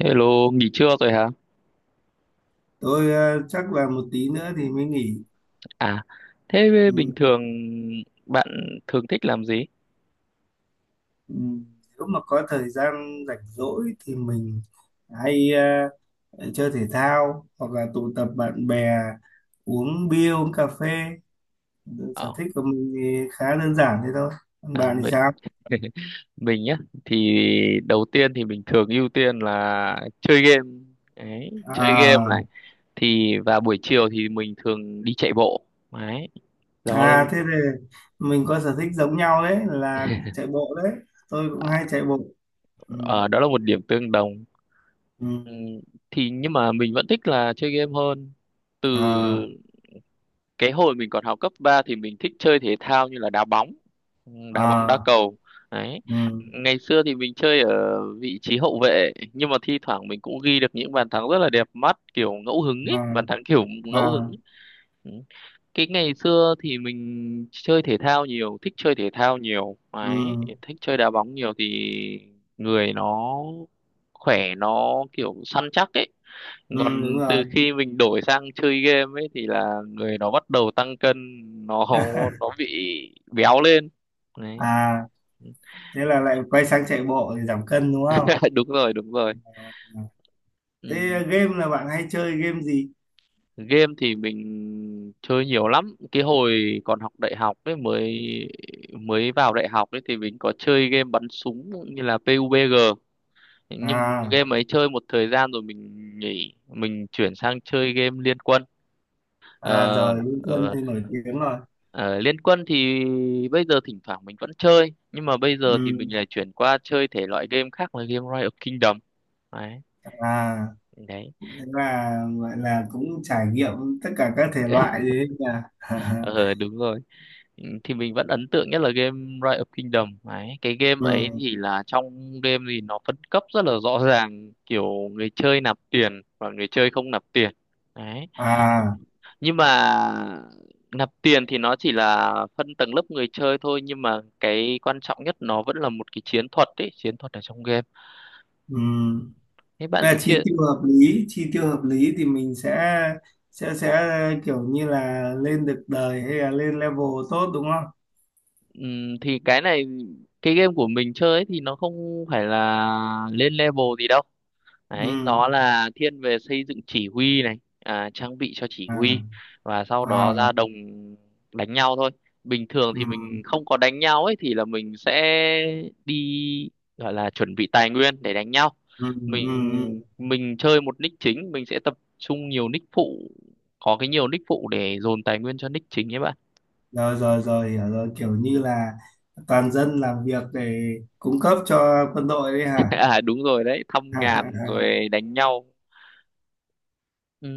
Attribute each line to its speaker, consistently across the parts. Speaker 1: Hello, nghỉ trưa rồi hả?
Speaker 2: Tôi chắc là một tí nữa thì mới nghỉ.
Speaker 1: À, thế bình
Speaker 2: Ừ,
Speaker 1: thường bạn thường thích làm gì?
Speaker 2: ừ. Nếu mà có thời gian rảnh rỗi thì mình hay chơi thể thao hoặc là tụ tập bạn bè, uống bia uống cà phê. Sở
Speaker 1: Ờ,
Speaker 2: thích của mình thì khá đơn giản thế thôi, còn
Speaker 1: à,
Speaker 2: bạn thì
Speaker 1: mình
Speaker 2: sao?
Speaker 1: mình nhá, thì đầu tiên thì mình thường ưu tiên là chơi game. Đấy, chơi game
Speaker 2: À,
Speaker 1: này. Thì và buổi chiều thì mình thường đi chạy bộ. Đấy, đó
Speaker 2: à thế thì mình có sở thích giống nhau, đấy là chạy bộ đấy, tôi cũng
Speaker 1: à,
Speaker 2: hay chạy bộ. Ừ,
Speaker 1: ờ, đó là một điểm tương đồng.
Speaker 2: ừ.
Speaker 1: Ừ, thì nhưng mà mình vẫn thích là chơi game hơn. Từ
Speaker 2: À,
Speaker 1: cái hồi mình còn học cấp 3 thì mình thích chơi thể thao như là đá bóng đá
Speaker 2: à.
Speaker 1: cầu đấy.
Speaker 2: Ừ.
Speaker 1: Ngày xưa thì mình chơi ở vị trí hậu vệ, nhưng mà thi thoảng mình cũng ghi được những bàn thắng rất là đẹp mắt kiểu ngẫu hứng ấy,
Speaker 2: À,
Speaker 1: bàn thắng kiểu
Speaker 2: à.
Speaker 1: ngẫu hứng. Ừ. Cái ngày xưa thì mình chơi thể thao nhiều, thích chơi thể thao nhiều
Speaker 2: Ừ.
Speaker 1: đấy, thích chơi đá bóng nhiều thì người nó khỏe, nó kiểu săn chắc ấy.
Speaker 2: Ừ,
Speaker 1: Còn
Speaker 2: đúng rồi.
Speaker 1: từ khi mình đổi sang chơi game ấy thì là người nó bắt đầu tăng cân, nó nó bị béo lên đấy.
Speaker 2: À thế là lại quay sang chạy bộ để giảm cân đúng không?
Speaker 1: Đúng rồi, đúng rồi.
Speaker 2: Ừ.
Speaker 1: Ừ.
Speaker 2: Thế game là bạn hay chơi game gì?
Speaker 1: Game thì mình chơi nhiều lắm, cái hồi còn học đại học ấy, mới mới vào đại học ấy thì mình có chơi game bắn súng như là PUBG, nhưng
Speaker 2: À,
Speaker 1: game ấy chơi một thời gian rồi mình nghỉ, mình chuyển sang chơi game Liên Quân.
Speaker 2: à
Speaker 1: Ờ,
Speaker 2: rồi, Liên Quân
Speaker 1: ờ,
Speaker 2: thì nổi tiếng rồi.
Speaker 1: ờ, Liên Quân thì bây giờ thỉnh thoảng mình vẫn chơi, nhưng mà bây giờ thì mình
Speaker 2: Ừ.
Speaker 1: lại chuyển qua chơi thể loại game khác là game Rise of Kingdom. Đấy.
Speaker 2: À
Speaker 1: Đấy.
Speaker 2: thế là gọi là cũng trải nghiệm tất cả các thể loại đấy nha
Speaker 1: Ờ, đúng rồi. Ừ, thì mình vẫn ấn tượng nhất là game Rise of Kingdom ấy, cái game ấy
Speaker 2: ừ.
Speaker 1: thì là trong game thì nó phân cấp rất là rõ ràng, kiểu người chơi nạp tiền và người chơi không nạp tiền. Đấy. Ừ.
Speaker 2: À.
Speaker 1: Nhưng mà nạp tiền thì nó chỉ là phân tầng lớp người chơi thôi, nhưng mà cái quan trọng nhất nó vẫn là một cái chiến thuật ấy, chiến thuật ở trong game.
Speaker 2: Ừ.
Speaker 1: Thế bạn
Speaker 2: Thế là
Speaker 1: thì chia
Speaker 2: chi tiêu hợp lý, chi tiêu hợp lý thì mình sẽ kiểu như là lên được đời hay là lên level tốt đúng không?
Speaker 1: thì cái này, cái game của mình chơi ấy thì nó không phải là lên level gì đâu. Đấy,
Speaker 2: Ừ,
Speaker 1: nó là thiên về xây dựng chỉ huy này, à, trang bị cho chỉ
Speaker 2: à,
Speaker 1: huy và sau
Speaker 2: à,
Speaker 1: đó ra đồng đánh nhau thôi. Bình thường
Speaker 2: ừ.
Speaker 1: thì mình không có đánh nhau ấy thì là mình sẽ đi, gọi là chuẩn bị tài nguyên để đánh nhau.
Speaker 2: Ừ. Ừ.
Speaker 1: mình
Speaker 2: Ừ.
Speaker 1: mình chơi một nick chính, mình sẽ tập trung nhiều nick phụ, có cái nhiều nick phụ để dồn tài nguyên cho nick chính ấy bạn.
Speaker 2: Rồi rồi rồi, hiểu rồi, kiểu như là toàn dân làm việc để cung cấp cho quân đội đấy hả?
Speaker 1: À đúng rồi đấy, thăm ngàn rồi đánh nhau.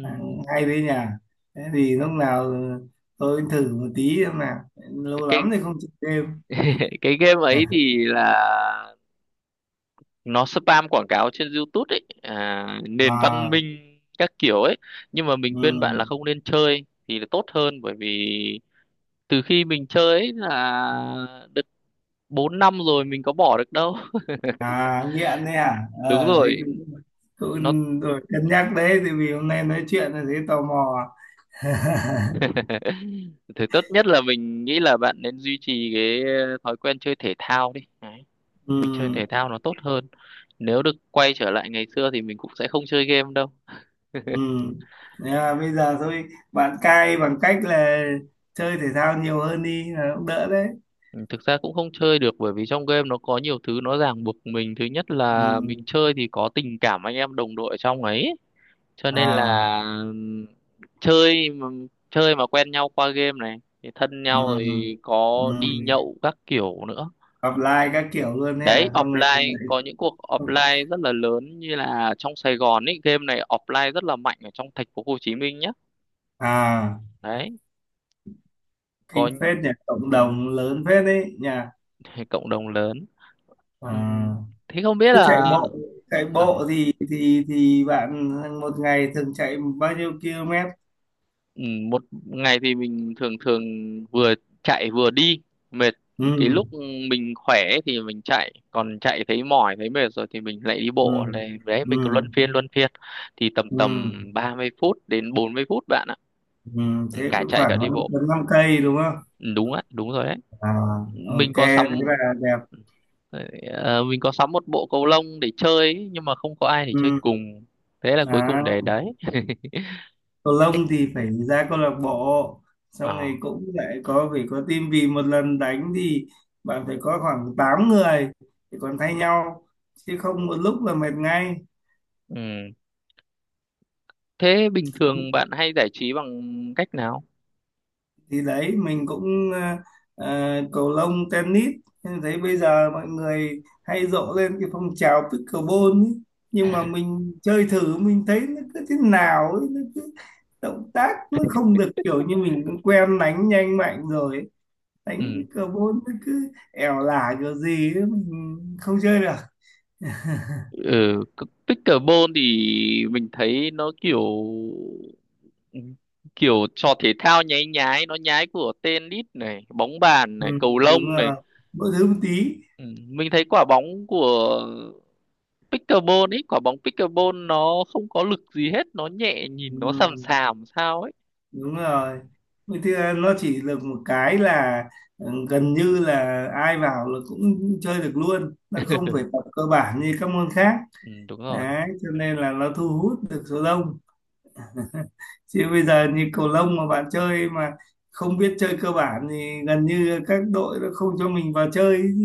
Speaker 2: À, hay đấy nhỉ, thế thì lúc nào tôi thử một tí xem nào, lâu
Speaker 1: Cái
Speaker 2: lắm thì không chơi game.
Speaker 1: cái game ấy thì là nó spam quảng cáo trên YouTube ấy, à, nền văn
Speaker 2: À,
Speaker 1: minh các kiểu ấy, nhưng mà mình
Speaker 2: ừ.
Speaker 1: khuyên bạn là không nên chơi thì là tốt hơn, bởi vì từ khi mình chơi ấy là được 4 năm rồi, mình có bỏ được đâu.
Speaker 2: À nghiện đấy hả?
Speaker 1: Đúng
Speaker 2: Ờ thế
Speaker 1: rồi.
Speaker 2: cũng,
Speaker 1: Nó.
Speaker 2: cũng rồi cân nhắc đấy, thì vì hôm nay nói chuyện là thấy tò mò.
Speaker 1: Thì tốt nhất là mình nghĩ là bạn nên duy trì cái thói quen chơi thể thao đi. Đấy.
Speaker 2: Ừ.
Speaker 1: Mình chơi thể thao nó tốt hơn, nếu được quay trở lại ngày xưa thì mình cũng sẽ không chơi game đâu.
Speaker 2: Ừ. Thế là bây giờ thôi bạn cai bằng cách là chơi thể thao nhiều hơn đi là cũng đỡ đấy.
Speaker 1: Ừ, thực ra cũng không chơi được bởi vì trong game nó có nhiều thứ nó ràng buộc mình. Thứ nhất là
Speaker 2: Ừ.
Speaker 1: mình chơi thì có tình cảm anh em đồng đội ở trong ấy. Cho nên
Speaker 2: À.
Speaker 1: là chơi mà, chơi mà quen nhau qua game này thì thân nhau
Speaker 2: Ừ.
Speaker 1: rồi, có đi
Speaker 2: Ừ.
Speaker 1: nhậu các kiểu nữa.
Speaker 2: Apply các kiểu luôn đấy,
Speaker 1: Đấy,
Speaker 2: à xong rồi
Speaker 1: offline
Speaker 2: lại-
Speaker 1: có những cuộc offline rất là lớn, như là trong Sài Gòn ấy, game này offline rất là mạnh ở trong thành phố Hồ Chí Minh nhá.
Speaker 2: à
Speaker 1: Đấy, có
Speaker 2: kinh phết nhỉ, cộng
Speaker 1: ừm,
Speaker 2: đồng lớn phết đấy nhỉ.
Speaker 1: cộng đồng lớn.
Speaker 2: À.
Speaker 1: Ừm. Thế không biết
Speaker 2: Thế chạy
Speaker 1: là
Speaker 2: bộ chạy
Speaker 1: à,
Speaker 2: bộ thì bạn một ngày thường chạy bao nhiêu km?
Speaker 1: ừ, một ngày thì mình thường thường vừa chạy vừa đi mệt, cái
Speaker 2: Ừ.
Speaker 1: lúc mình khỏe ấy thì mình chạy, còn chạy thấy mỏi thấy mệt rồi thì mình lại đi
Speaker 2: Ừ.
Speaker 1: bộ này. Đấy, mình cứ
Speaker 2: Ừ.
Speaker 1: luân phiên thì tầm tầm
Speaker 2: Ừ.
Speaker 1: 30 phút đến 40 phút bạn ạ.
Speaker 2: Ừ.
Speaker 1: Ừ,
Speaker 2: Thế
Speaker 1: cả
Speaker 2: cũng
Speaker 1: chạy
Speaker 2: khoảng
Speaker 1: cả đi bộ.
Speaker 2: năm năm cây đúng không?
Speaker 1: Ừ, đúng ạ, đúng rồi đấy.
Speaker 2: À,
Speaker 1: mình
Speaker 2: ok
Speaker 1: có sắm
Speaker 2: đấy là đẹp.
Speaker 1: ờ, mình có sắm một bộ cầu lông để chơi ấy, nhưng mà không có ai để chơi
Speaker 2: Ừ.
Speaker 1: cùng, thế là cuối
Speaker 2: À,
Speaker 1: cùng để đấy.
Speaker 2: cầu
Speaker 1: Thích
Speaker 2: lông thì phải ra câu lạc bộ, xong
Speaker 1: ờ
Speaker 2: rồi cũng lại có phải có team, vì một lần đánh thì bạn phải có khoảng 8 người thì còn thay nhau, chứ không một lúc là mệt ngay.
Speaker 1: ừ, thế bình thường bạn hay giải trí bằng cách nào?
Speaker 2: Thì đấy mình cũng cầu lông, tennis. Em thấy bây giờ mọi người hay rộ lên cái phong trào pickleball ấy. Nhưng mà mình chơi thử mình thấy nó cứ thế nào ấy, nó cứ động tác nó không được, kiểu như mình cũng quen đánh nhanh mạnh rồi ấy. Đánh
Speaker 1: Ừ.
Speaker 2: pickleball nó cứ ẻo lả kiểu gì ấy, mình không chơi được.
Speaker 1: Ừ. c- Pickleball thì mình thấy nó kiểu ừ, kiểu trò thể thao nháy nhái, nó nhái của tennis này, bóng bàn
Speaker 2: Ừ,
Speaker 1: này, cầu
Speaker 2: đúng
Speaker 1: lông này.
Speaker 2: là mỗi thứ một tí.
Speaker 1: Ừ. Mình thấy quả bóng của pickleball ấy, quả bóng pickleball nó không có lực gì hết, nó nhẹ,
Speaker 2: Ừ,
Speaker 1: nhìn nó sàm sàm sao ấy.
Speaker 2: đúng rồi. Vậy thì nó chỉ được một cái là gần như là ai vào là cũng chơi được luôn, nó không phải tập cơ bản như các môn khác.
Speaker 1: Ừ, đúng rồi.
Speaker 2: Đấy cho nên là nó thu hút được số đông, chứ bây giờ như cầu lông mà bạn chơi mà không biết chơi cơ bản thì gần như các đội nó không cho mình vào chơi ấy chứ.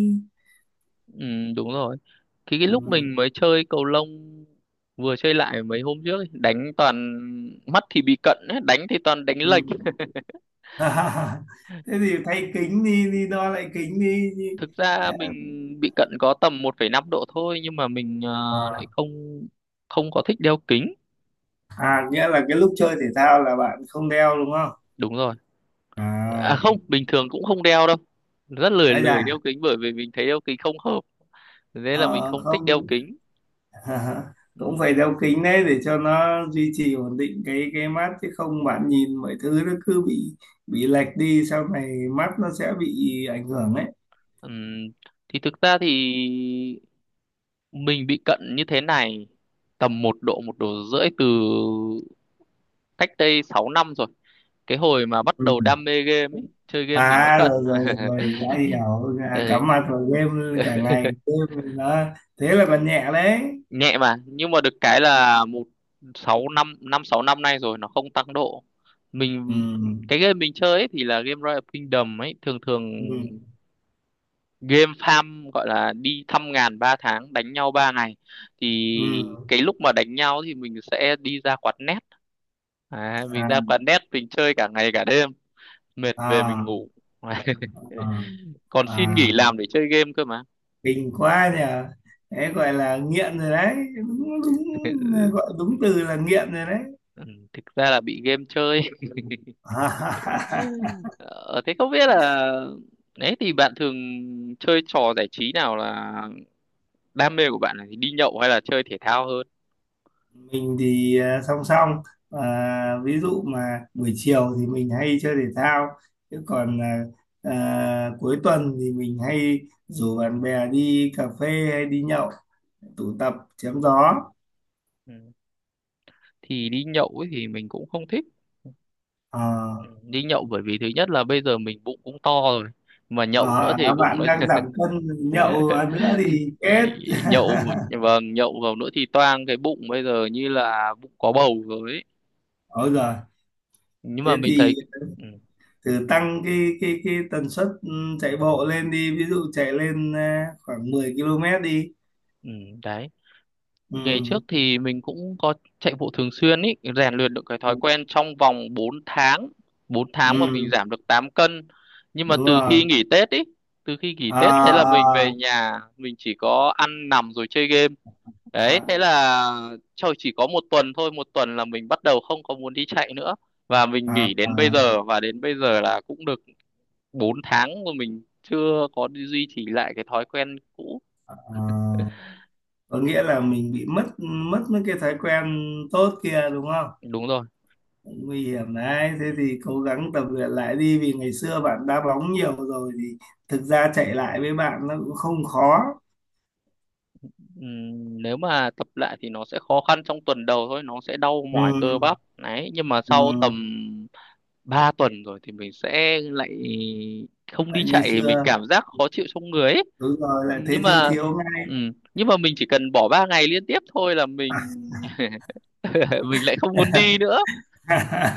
Speaker 1: Ừ, đúng rồi. Cái
Speaker 2: Ừ.
Speaker 1: lúc mình mới chơi cầu lông, vừa chơi lại mấy hôm trước ấy, đánh toàn, mắt thì bị cận ấy, đánh thì toàn đánh
Speaker 2: Ừ.
Speaker 1: lệch.
Speaker 2: Thế thì thay kính đi, đi đo lại kính đi.
Speaker 1: Thực ra mình bị cận có tầm 1,5 độ thôi, nhưng mà mình lại
Speaker 2: À,
Speaker 1: không, không có thích đeo kính.
Speaker 2: à nghĩa là cái lúc chơi thể thao là bạn không đeo đúng không?
Speaker 1: Đúng rồi. À
Speaker 2: À
Speaker 1: không, bình thường cũng không đeo đâu, rất lười,
Speaker 2: ai
Speaker 1: lười
Speaker 2: là
Speaker 1: đeo kính bởi vì mình thấy đeo kính không hợp, nên là mình
Speaker 2: ờ,
Speaker 1: không thích đeo
Speaker 2: không.
Speaker 1: kính.
Speaker 2: Cũng phải đeo kính đấy để cho nó duy trì ổn định cái mắt chứ không bạn nhìn mọi thứ nó cứ bị lệch đi, sau này mắt nó sẽ bị ảnh hưởng đấy.
Speaker 1: Ừm, thì thực ra thì mình bị cận như thế này tầm 1 độ, 1,5 độ, từ cách đây 6 năm rồi, cái hồi mà bắt
Speaker 2: Ừ.
Speaker 1: đầu đam mê game ấy, chơi game thì nó
Speaker 2: À
Speaker 1: cận.
Speaker 2: rồi rồi rồi đã hiểu. À,
Speaker 1: Đấy.
Speaker 2: cắm mặt vào game cả ngày, game thì nó. Thế là còn nhẹ đấy.
Speaker 1: Nhẹ mà, nhưng mà được cái là một sáu năm, năm sáu năm nay rồi nó không tăng độ.
Speaker 2: Ừ.
Speaker 1: Mình, cái game mình chơi ấy thì là game Royal Kingdom ấy, thường thường
Speaker 2: Ừ.
Speaker 1: game farm gọi là đi thăm ngàn 3 tháng đánh nhau 3 ngày.
Speaker 2: Ừ.
Speaker 1: Thì cái lúc mà đánh nhau thì mình sẽ đi ra quán net. À, mình
Speaker 2: À,
Speaker 1: ra quán net mình chơi cả ngày cả đêm, mệt về mình
Speaker 2: à,
Speaker 1: ngủ.
Speaker 2: à,
Speaker 1: Còn
Speaker 2: à.
Speaker 1: xin nghỉ làm để chơi game cơ mà.
Speaker 2: Kinh quá nhờ, đấy gọi là nghiện rồi đấy, đúng đúng, gọi đúng từ là nghiện rồi đấy.
Speaker 1: Ừ, thực ra là bị game chơi. Ờ, thế không biết là đấy, thì bạn thường chơi trò giải trí nào, là đam mê của bạn là đi nhậu hay là chơi thể thao hơn?
Speaker 2: Mình thì song song, ví dụ mà buổi chiều thì mình hay chơi thể thao, chứ còn cuối tuần thì mình hay rủ bạn bè đi cà phê hay đi nhậu, tụ tập chém gió.
Speaker 1: Ừ. Thì đi nhậu ấy thì mình cũng không thích.
Speaker 2: Ờ,
Speaker 1: Ừ. Đi nhậu bởi vì thứ nhất là bây giờ mình bụng cũng to rồi. Mà
Speaker 2: ờ,
Speaker 1: nhậu nữa thì
Speaker 2: à,
Speaker 1: bụng
Speaker 2: bạn
Speaker 1: nó
Speaker 2: đang giảm cân, nhậu nữa thì chết.
Speaker 1: ý- nhậu, vâng nhậu vào nữa thì toang, cái bụng bây giờ như là bụng có bầu rồi ấy.
Speaker 2: Ôi giời,
Speaker 1: Nhưng mà
Speaker 2: thế
Speaker 1: mình thấy
Speaker 2: thì
Speaker 1: ừ,
Speaker 2: thử tăng cái tần suất chạy bộ lên đi, ví dụ chạy lên khoảng 10 km đi.
Speaker 1: ừ, đấy.
Speaker 2: Ừ.
Speaker 1: Ngày trước thì mình cũng có chạy bộ thường xuyên ý, rèn luyện được cái thói quen trong vòng 4 tháng, 4 tháng mà mình
Speaker 2: Ừ
Speaker 1: giảm được 8 cân. Nhưng mà
Speaker 2: đúng
Speaker 1: từ
Speaker 2: rồi,
Speaker 1: khi nghỉ Tết ý, từ khi nghỉ Tết thế là mình
Speaker 2: à,
Speaker 1: về
Speaker 2: à,
Speaker 1: nhà, mình chỉ có ăn nằm rồi chơi game. Đấy,
Speaker 2: à,
Speaker 1: thế là trời chỉ có 1 tuần thôi, 1 tuần là mình bắt đầu không có muốn đi chạy nữa. Và mình
Speaker 2: à,
Speaker 1: nghỉ đến bây
Speaker 2: à,
Speaker 1: giờ, và đến bây giờ là cũng được 4 tháng mà mình chưa có duy trì lại cái thói quen cũ.
Speaker 2: à. Có nghĩa là mình bị mất mất mấy cái thói quen tốt kia đúng không?
Speaker 1: Đúng rồi.
Speaker 2: Nguy hiểm đấy, thế thì cố gắng tập luyện lại đi, vì ngày xưa bạn đá bóng nhiều rồi thì thực ra chạy lại với bạn nó cũng không khó.
Speaker 1: Nếu mà tập lại thì nó sẽ khó khăn trong tuần đầu thôi, nó sẽ đau mỏi cơ
Speaker 2: Ừ,
Speaker 1: bắp đấy, nhưng mà sau tầm
Speaker 2: ừ.
Speaker 1: 3 tuần rồi thì mình sẽ lại không đi
Speaker 2: Tại như
Speaker 1: chạy mình
Speaker 2: xưa,
Speaker 1: cảm giác khó chịu trong người ấy.
Speaker 2: đúng rồi lại
Speaker 1: Nhưng
Speaker 2: thấy thiếu
Speaker 1: mà
Speaker 2: thiếu ngay.
Speaker 1: nhưng mà mình chỉ cần bỏ 3 ngày liên tiếp thôi là mình mình lại không muốn đi nữa.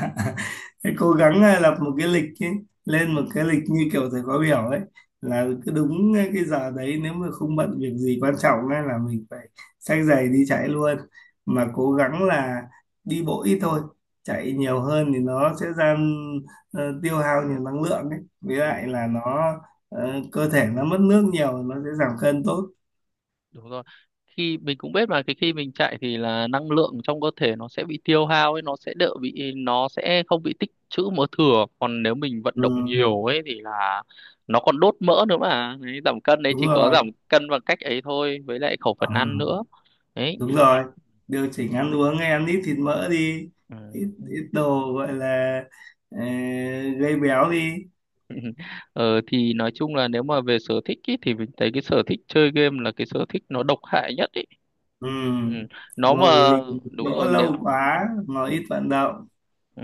Speaker 2: Thế cố gắng lập một cái lịch ấy, lên một
Speaker 1: Ừm.
Speaker 2: cái lịch như kiểu thầy khóa biểu ấy, là cứ đúng cái giờ đấy, nếu mà không bận việc gì quan trọng ấy, là mình phải xách giày đi chạy luôn,
Speaker 1: Ừm.
Speaker 2: mà cố gắng là đi bộ ít thôi, chạy nhiều hơn thì nó sẽ ra tiêu hao nhiều năng lượng ấy, với lại
Speaker 1: Ừm.
Speaker 2: là nó cơ thể nó mất nước nhiều, nó sẽ giảm cân tốt.
Speaker 1: Đúng rồi, khi mình cũng biết mà cái khi mình chạy thì là năng lượng trong cơ thể nó sẽ bị tiêu hao ấy, nó sẽ đỡ bị, nó sẽ không bị tích trữ mỡ thừa, còn nếu mình vận động
Speaker 2: Ừ,
Speaker 1: nhiều ấy thì là nó còn đốt mỡ nữa mà. Đấy, giảm cân đấy
Speaker 2: đúng
Speaker 1: chỉ có
Speaker 2: rồi.
Speaker 1: giảm cân bằng cách ấy thôi, với lại khẩu
Speaker 2: Ờ.
Speaker 1: phần ăn nữa. Đấy.
Speaker 2: Đúng rồi, điều chỉnh ăn uống, hay ăn ít thịt mỡ đi. Ít
Speaker 1: Ừ.
Speaker 2: ít đồ gọi là ờ, gây béo đi.
Speaker 1: Ờ, thì nói chung là nếu mà về sở thích ý, thì mình thấy cái sở thích chơi game là cái sở thích nó độc hại nhất ý.
Speaker 2: Ừ.
Speaker 1: Ừ. Nó
Speaker 2: Ngồi
Speaker 1: mà
Speaker 2: lì một
Speaker 1: đúng
Speaker 2: chỗ
Speaker 1: rồi.
Speaker 2: lâu quá, ngồi ít vận động.
Speaker 1: Ừ.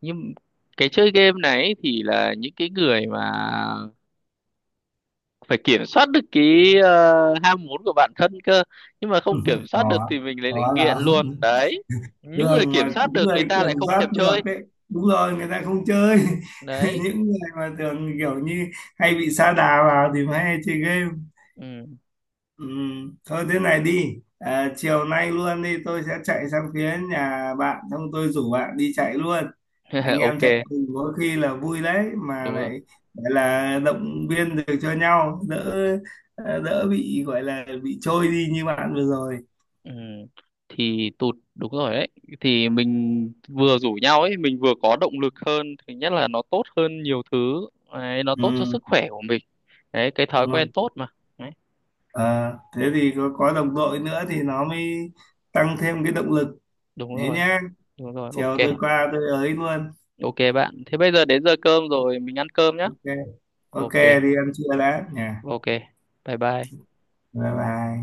Speaker 1: Nhưng cái chơi game này ấy thì là những cái người mà phải kiểm soát được cái ờ, ham muốn của bản thân cơ, nhưng mà không kiểm soát được
Speaker 2: Khó,
Speaker 1: thì mình lại lại
Speaker 2: khó
Speaker 1: nghiện
Speaker 2: lắm.
Speaker 1: luôn đấy. Những người
Speaker 2: Đường
Speaker 1: kiểm
Speaker 2: mà
Speaker 1: soát được người
Speaker 2: người
Speaker 1: ta lại
Speaker 2: kiểm
Speaker 1: không
Speaker 2: soát
Speaker 1: thèm
Speaker 2: được
Speaker 1: chơi.
Speaker 2: đấy, đúng rồi người ta không chơi.
Speaker 1: Đấy.
Speaker 2: Những người mà thường kiểu như hay bị sa đà vào thì mới hay chơi game.
Speaker 1: Ừ.
Speaker 2: Ừ, thôi thế này đi à, chiều nay luôn đi, tôi sẽ chạy sang phía nhà bạn xong tôi rủ bạn đi chạy luôn. Anh em chạy
Speaker 1: Ok,
Speaker 2: cùng có khi là vui đấy, mà
Speaker 1: đúng rồi.
Speaker 2: lại gọi là động viên được cho nhau, đỡ đỡ bị gọi là bị trôi đi như bạn vừa rồi.
Speaker 1: Ừ. Thì tụt đúng rồi đấy, thì mình vừa rủ nhau ấy mình vừa có động lực hơn, thứ nhất là nó tốt hơn nhiều thứ. Đấy, nó tốt cho sức
Speaker 2: Ừ,
Speaker 1: khỏe của mình. Đấy, cái thói
Speaker 2: đúng
Speaker 1: quen
Speaker 2: không?
Speaker 1: tốt mà. Đấy,
Speaker 2: À, thế thì có đồng đội nữa thì nó mới tăng thêm cái động lực.
Speaker 1: đúng
Speaker 2: Thế
Speaker 1: rồi.
Speaker 2: nhá,
Speaker 1: Đúng rồi,
Speaker 2: chiều tôi
Speaker 1: ok.
Speaker 2: qua tôi ấy luôn.
Speaker 1: Ok bạn. Thế bây giờ đến giờ cơm rồi, mình ăn cơm nhá.
Speaker 2: Ok, ok,
Speaker 1: Ok,
Speaker 2: đi ăn trưa đã nhà.
Speaker 1: ok. Bye bye.
Speaker 2: Bye bye.